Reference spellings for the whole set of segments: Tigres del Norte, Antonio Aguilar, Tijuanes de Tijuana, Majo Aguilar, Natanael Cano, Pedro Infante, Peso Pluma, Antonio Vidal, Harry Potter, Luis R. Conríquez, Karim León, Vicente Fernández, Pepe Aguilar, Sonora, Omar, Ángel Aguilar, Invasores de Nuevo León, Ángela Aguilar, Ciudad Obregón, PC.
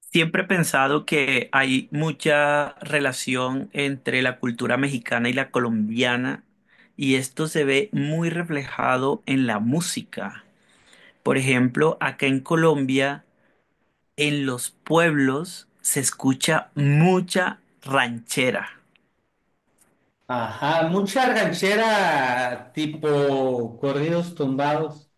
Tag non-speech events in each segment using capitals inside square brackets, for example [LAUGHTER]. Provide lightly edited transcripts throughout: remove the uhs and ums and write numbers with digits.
Siempre he pensado que hay mucha relación entre la cultura mexicana y la colombiana, y esto se ve muy reflejado en la música. Por ejemplo, acá en Colombia, en los pueblos se escucha mucha ranchera Ajá, mucha ranchera tipo corridos tumbados,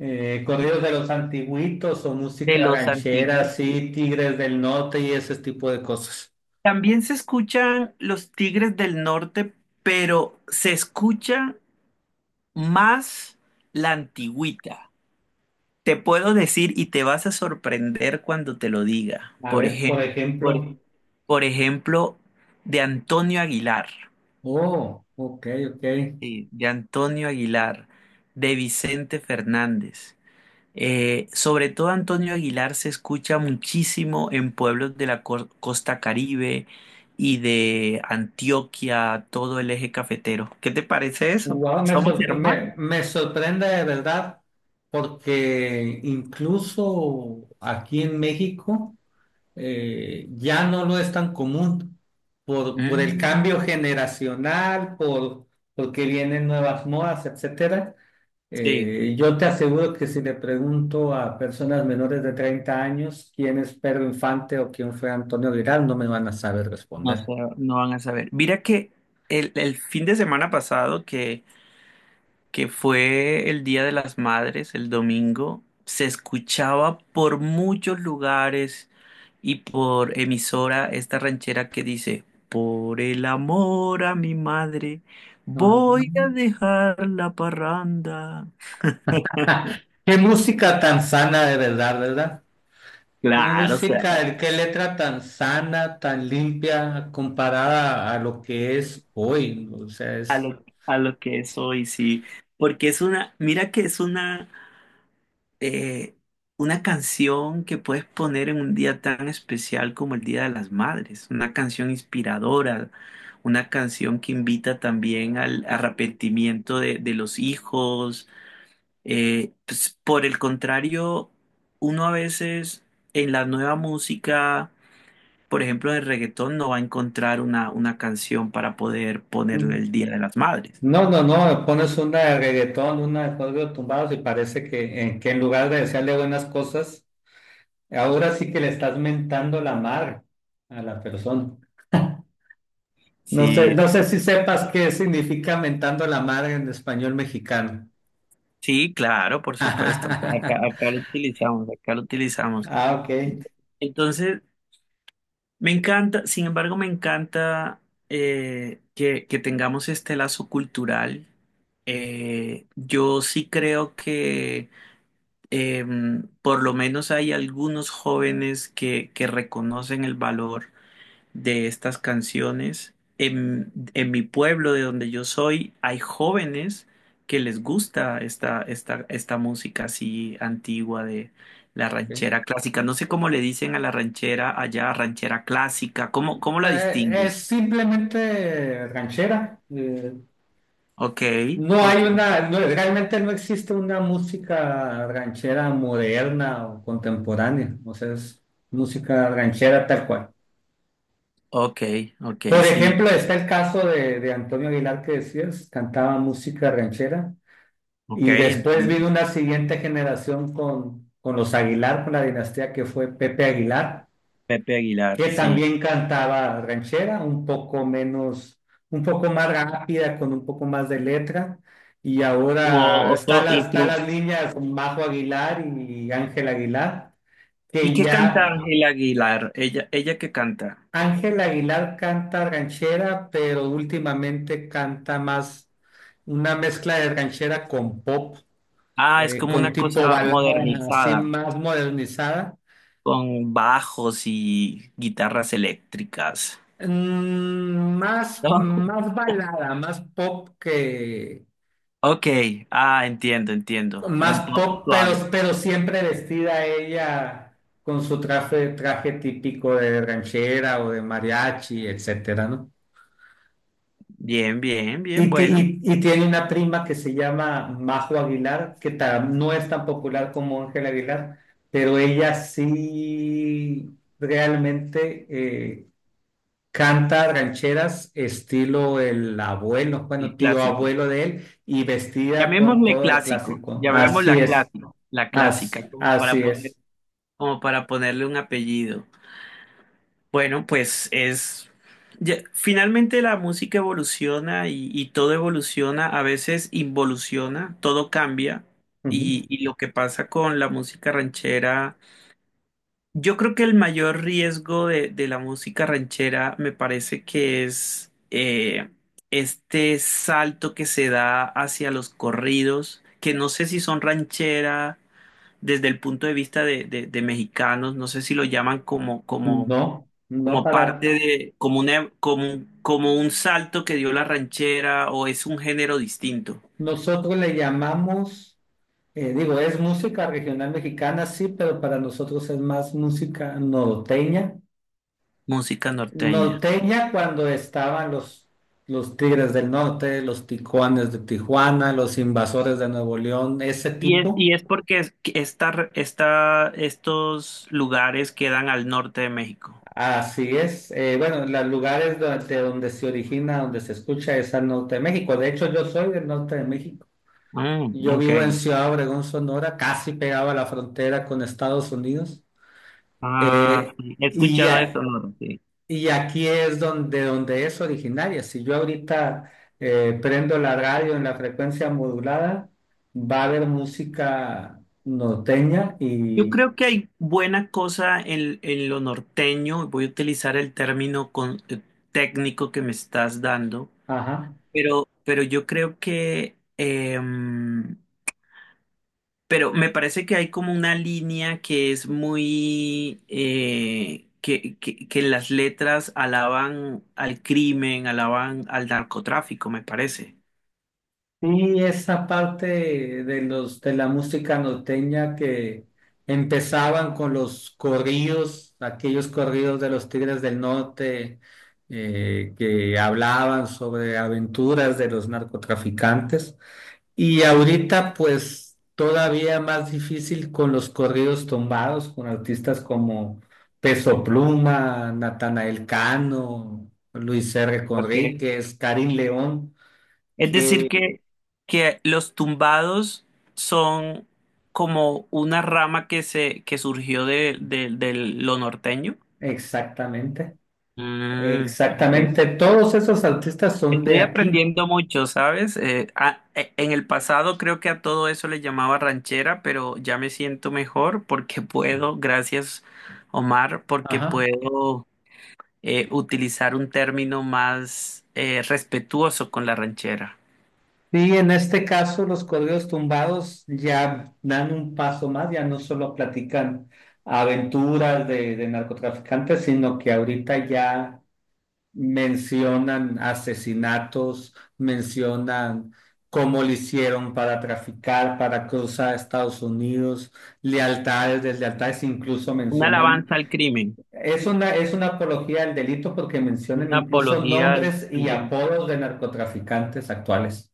corridos de los antiguitos o de música los ranchera, antiguos. sí, Tigres del Norte y ese tipo de cosas. También se escuchan los Tigres del Norte, pero se escucha más la antigüita. Te puedo decir y te vas a sorprender cuando te lo diga. A ver, por ejemplo. Por ejemplo, de Antonio Aguilar, Oh, ok, ok. sí, de Antonio Aguilar, de Vicente Fernández. Sobre todo Antonio Aguilar se escucha muchísimo en pueblos de la costa Caribe y de Antioquia, todo el eje cafetero. ¿Qué te parece eso? Wow, Somos hermanos. me sorprende de verdad porque incluso aquí en México. Ya no lo es tan común por el Mm, cambio generacional, porque vienen nuevas modas, etcétera. sí. Yo te aseguro que si le pregunto a personas menores de 30 años quién es Pedro Infante o quién fue Antonio Vidal, no me van a saber No, responder. sé, no van a saber. Mira que el fin de semana pasado, que fue el Día de las Madres, el domingo, se escuchaba por muchos lugares y por emisora esta ranchera que dice, por el amor a mi madre, Ah. voy a dejar la parranda. [LAUGHS] Qué música tan sana de verdad, ¿verdad? Qué Claro, o sea, música, qué letra tan sana, tan limpia comparada a lo que es hoy, ¿no? O sea, es... a lo que es hoy, sí. Porque es una, mira que es eh, una canción que puedes poner en un día tan especial como el Día de las Madres, una canción inspiradora, una canción que invita también al arrepentimiento de los hijos. Pues, por el contrario, uno a veces en la nueva música, por ejemplo, en el reggaetón, no va a encontrar una canción para poder ponerle el Día de las Madres. No, no, no, pones una de reggaetón, una de corridos tumbados y parece que, que en lugar de desearle buenas cosas, ahora sí que le estás mentando la madre a la persona. No sé, Sí, no sé si sepas qué significa mentando la madre en español mexicano. sí, claro, por supuesto. Acá, [LAUGHS] acá lo utilizamos, acá lo utilizamos. Ah, ok, Entonces, me encanta, sin embargo, me encanta que tengamos este lazo cultural. Yo sí creo que por lo menos hay algunos jóvenes que reconocen el valor de estas canciones. En mi pueblo, de donde yo soy, hay jóvenes que les gusta esta música así antigua de la ok. ranchera clásica. No sé cómo le dicen a la ranchera allá, ranchera clásica. ¿ cómo la Es distinguen? simplemente ranchera. Ok, No hay ok, una, realmente no existe una música ranchera moderna o contemporánea, o sea, es música ranchera tal cual. ok, ok, Por sí, ejemplo, está el caso de Antonio Aguilar que decías, cantaba música ranchera ok, y después entiendo. vino una siguiente generación con los Aguilar, con la dinastía que fue Pepe Aguilar, Pepe que Aguilar, sí. también cantaba ranchera, un poco menos, un poco más rápida, con un poco más de letra. Y Como ahora otro está las niñas Majo Aguilar y Ángel Aguilar, ¿y que qué canta ya Ángela Aguilar? Ella qué canta. Ángel Aguilar canta ranchera, pero últimamente canta más una mezcla de ranchera con pop, Ah, es como con una tipo cosa balada así modernizada. más modernizada. Con bajos y guitarras eléctricas. Más, ¿No? más balada, más pop que... Ok, ah, entiendo, entiendo. Más Un pop pop, suave. pero siempre vestida ella con su traje, traje típico de ranchera o de mariachi, etcétera, ¿no? Bien, bien, bien, Y, bueno. Y tiene una prima que se llama Majo Aguilar, que no es tan popular como Ángela Aguilar, pero ella sí realmente canta rancheras estilo el abuelo, El bueno, tío clásico. abuelo de él, y vestida con Llamémosle todo lo clásico. clásico. Así Llamémosla es, clásico. La clásica, como así para poner, es. como para ponerle un apellido. Bueno, pues es. Finalmente la música evoluciona y todo evoluciona, a veces involuciona, todo cambia. Ujú. Y lo que pasa con la música ranchera. Yo creo que el mayor riesgo de la música ranchera me parece que es este salto que se da hacia los corridos, que no sé si son ranchera desde el punto de vista de mexicanos, no sé si lo llaman No, no, como parte para de, como una- como un salto que dio la ranchera o es un género distinto, nosotros le llamamos, digo, es música regional mexicana, sí, pero para nosotros es más música norteña. música norteña. Norteña cuando estaban los Tigres del Norte, los Tijuanes de Tijuana, los Invasores de Nuevo León, ese tipo. Y es porque estos lugares quedan al norte de México. Así es. Bueno, los lugares de donde se origina, donde se escucha es al norte de México. De hecho, yo soy del norte de México. Mm, Yo ok. vivo en Ciudad Obregón, Sonora, casi pegado a la frontera con Estados Unidos. Ah, Eh, sí, he y, escuchado de a- Sonora, sí. y aquí es donde, donde es originaria. Si yo ahorita prendo la radio en la frecuencia modulada, va a haber música norteña Yo y... creo que hay buena cosa en lo norteño. Voy a utilizar el término técnico que me estás dando, Ajá. Pero yo creo que pero me parece que hay como una línea que es muy, que las letras alaban al crimen, alaban al narcotráfico, me parece. Sí, esa parte de los de la música norteña que empezaban con los corridos, aquellos corridos de los Tigres del Norte que hablaban sobre aventuras de los narcotraficantes. Y ahorita, pues, todavía más difícil con los corridos tumbados, con artistas como Peso Pluma, Natanael Cano, Luis R. Okay. Conríquez, Karim León, Es decir, que... que los tumbados son como una rama que surgió de lo norteño. Exactamente, Mm, ok. exactamente. Todos esos artistas son de Estoy aquí. aprendiendo mucho, ¿sabes? En el pasado creo que a todo eso le llamaba ranchera, pero ya me siento mejor porque [LAUGHS] puedo, gracias Omar, porque Ajá. puedo utilizar un término más respetuoso con la ranchera. Y en este caso, los corridos tumbados ya dan un paso más, ya no solo platican aventuras de narcotraficantes, sino que ahorita ya mencionan asesinatos, mencionan cómo le hicieron para traficar, para cruzar a Estados Unidos, lealtades, deslealtades, incluso Una mencionan... alabanza al crimen, es una apología del delito porque mencionan una incluso apología al- nombres al y del, apodos de narcotraficantes actuales.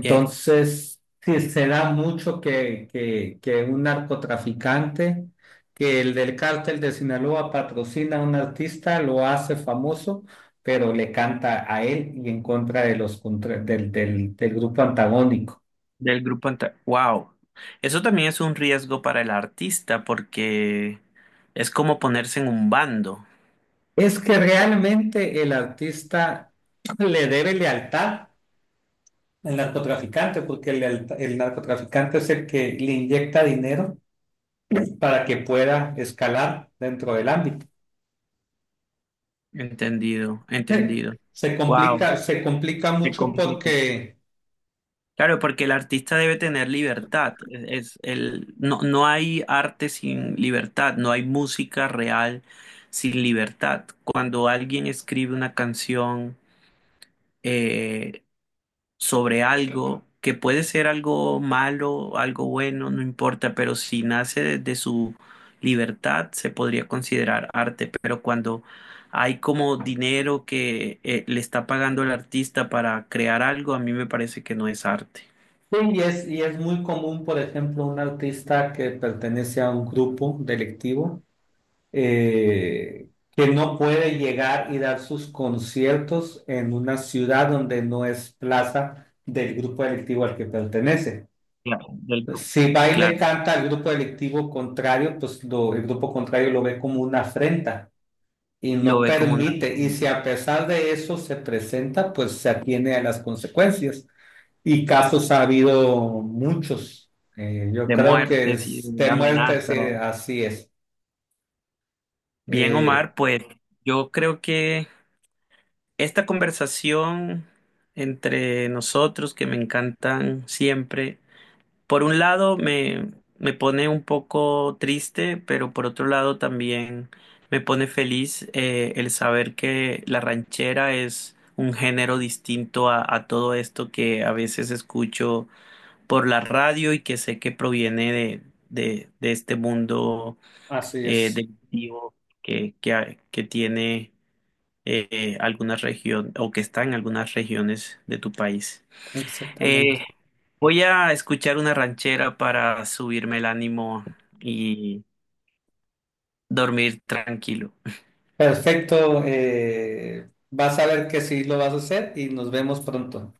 bien, sí, se da mucho que un narcotraficante, que el del cártel de Sinaloa patrocina a un artista, lo hace famoso, pero le canta a él y en contra de los, del grupo antagónico. del grupo. ¡Wow! Eso también es un riesgo para el artista porque es como ponerse en un bando. Es que realmente el artista le debe lealtad el narcotraficante, porque el, el narcotraficante es el que le inyecta dinero para que pueda escalar dentro del ámbito. Entendido, [LAUGHS] entendido. Wow, se complica se mucho complica. porque... Claro, porque el artista debe tener libertad. Es el, no, no hay arte sin libertad, no hay música real sin libertad. Cuando alguien escribe una canción, eh, sobre algo que puede ser algo malo, algo bueno, no importa, pero si nace de su libertad se podría considerar arte, pero cuando hay como dinero que le está pagando el artista para crear algo, a mí me parece que no es arte. Sí, y es muy común, por ejemplo, un artista que pertenece a un grupo delictivo que no puede llegar y dar sus conciertos en una ciudad donde no es plaza del grupo delictivo al que pertenece. Claro, del grupo, Si va y le claro. canta al grupo delictivo contrario, pues el grupo contrario lo ve como una afrenta y Lo no ve como una permite. Y si a pesar de eso se presenta, pues se atiene a las consecuencias. Y casos ha habido muchos. Yo de creo que muertes y es de de muerte, sí, amenazas. así es. Bien, Eh, Omar, pues yo creo que esta conversación entre nosotros, que me encantan siempre, por un me pone un poco triste, pero por otro lado también me pone feliz el saber que la ranchera es un género distinto a todo esto que a veces escucho por la radio y que sé que proviene de este mundo Así es, delictivo que tiene algunas regiones o que está en algunas regiones de tu país. Eh, exactamente. Voy a escuchar una ranchera para subirme el ánimo y dormir tranquilo. Perfecto. Vas a ver que sí lo vas a hacer y nos vemos pronto.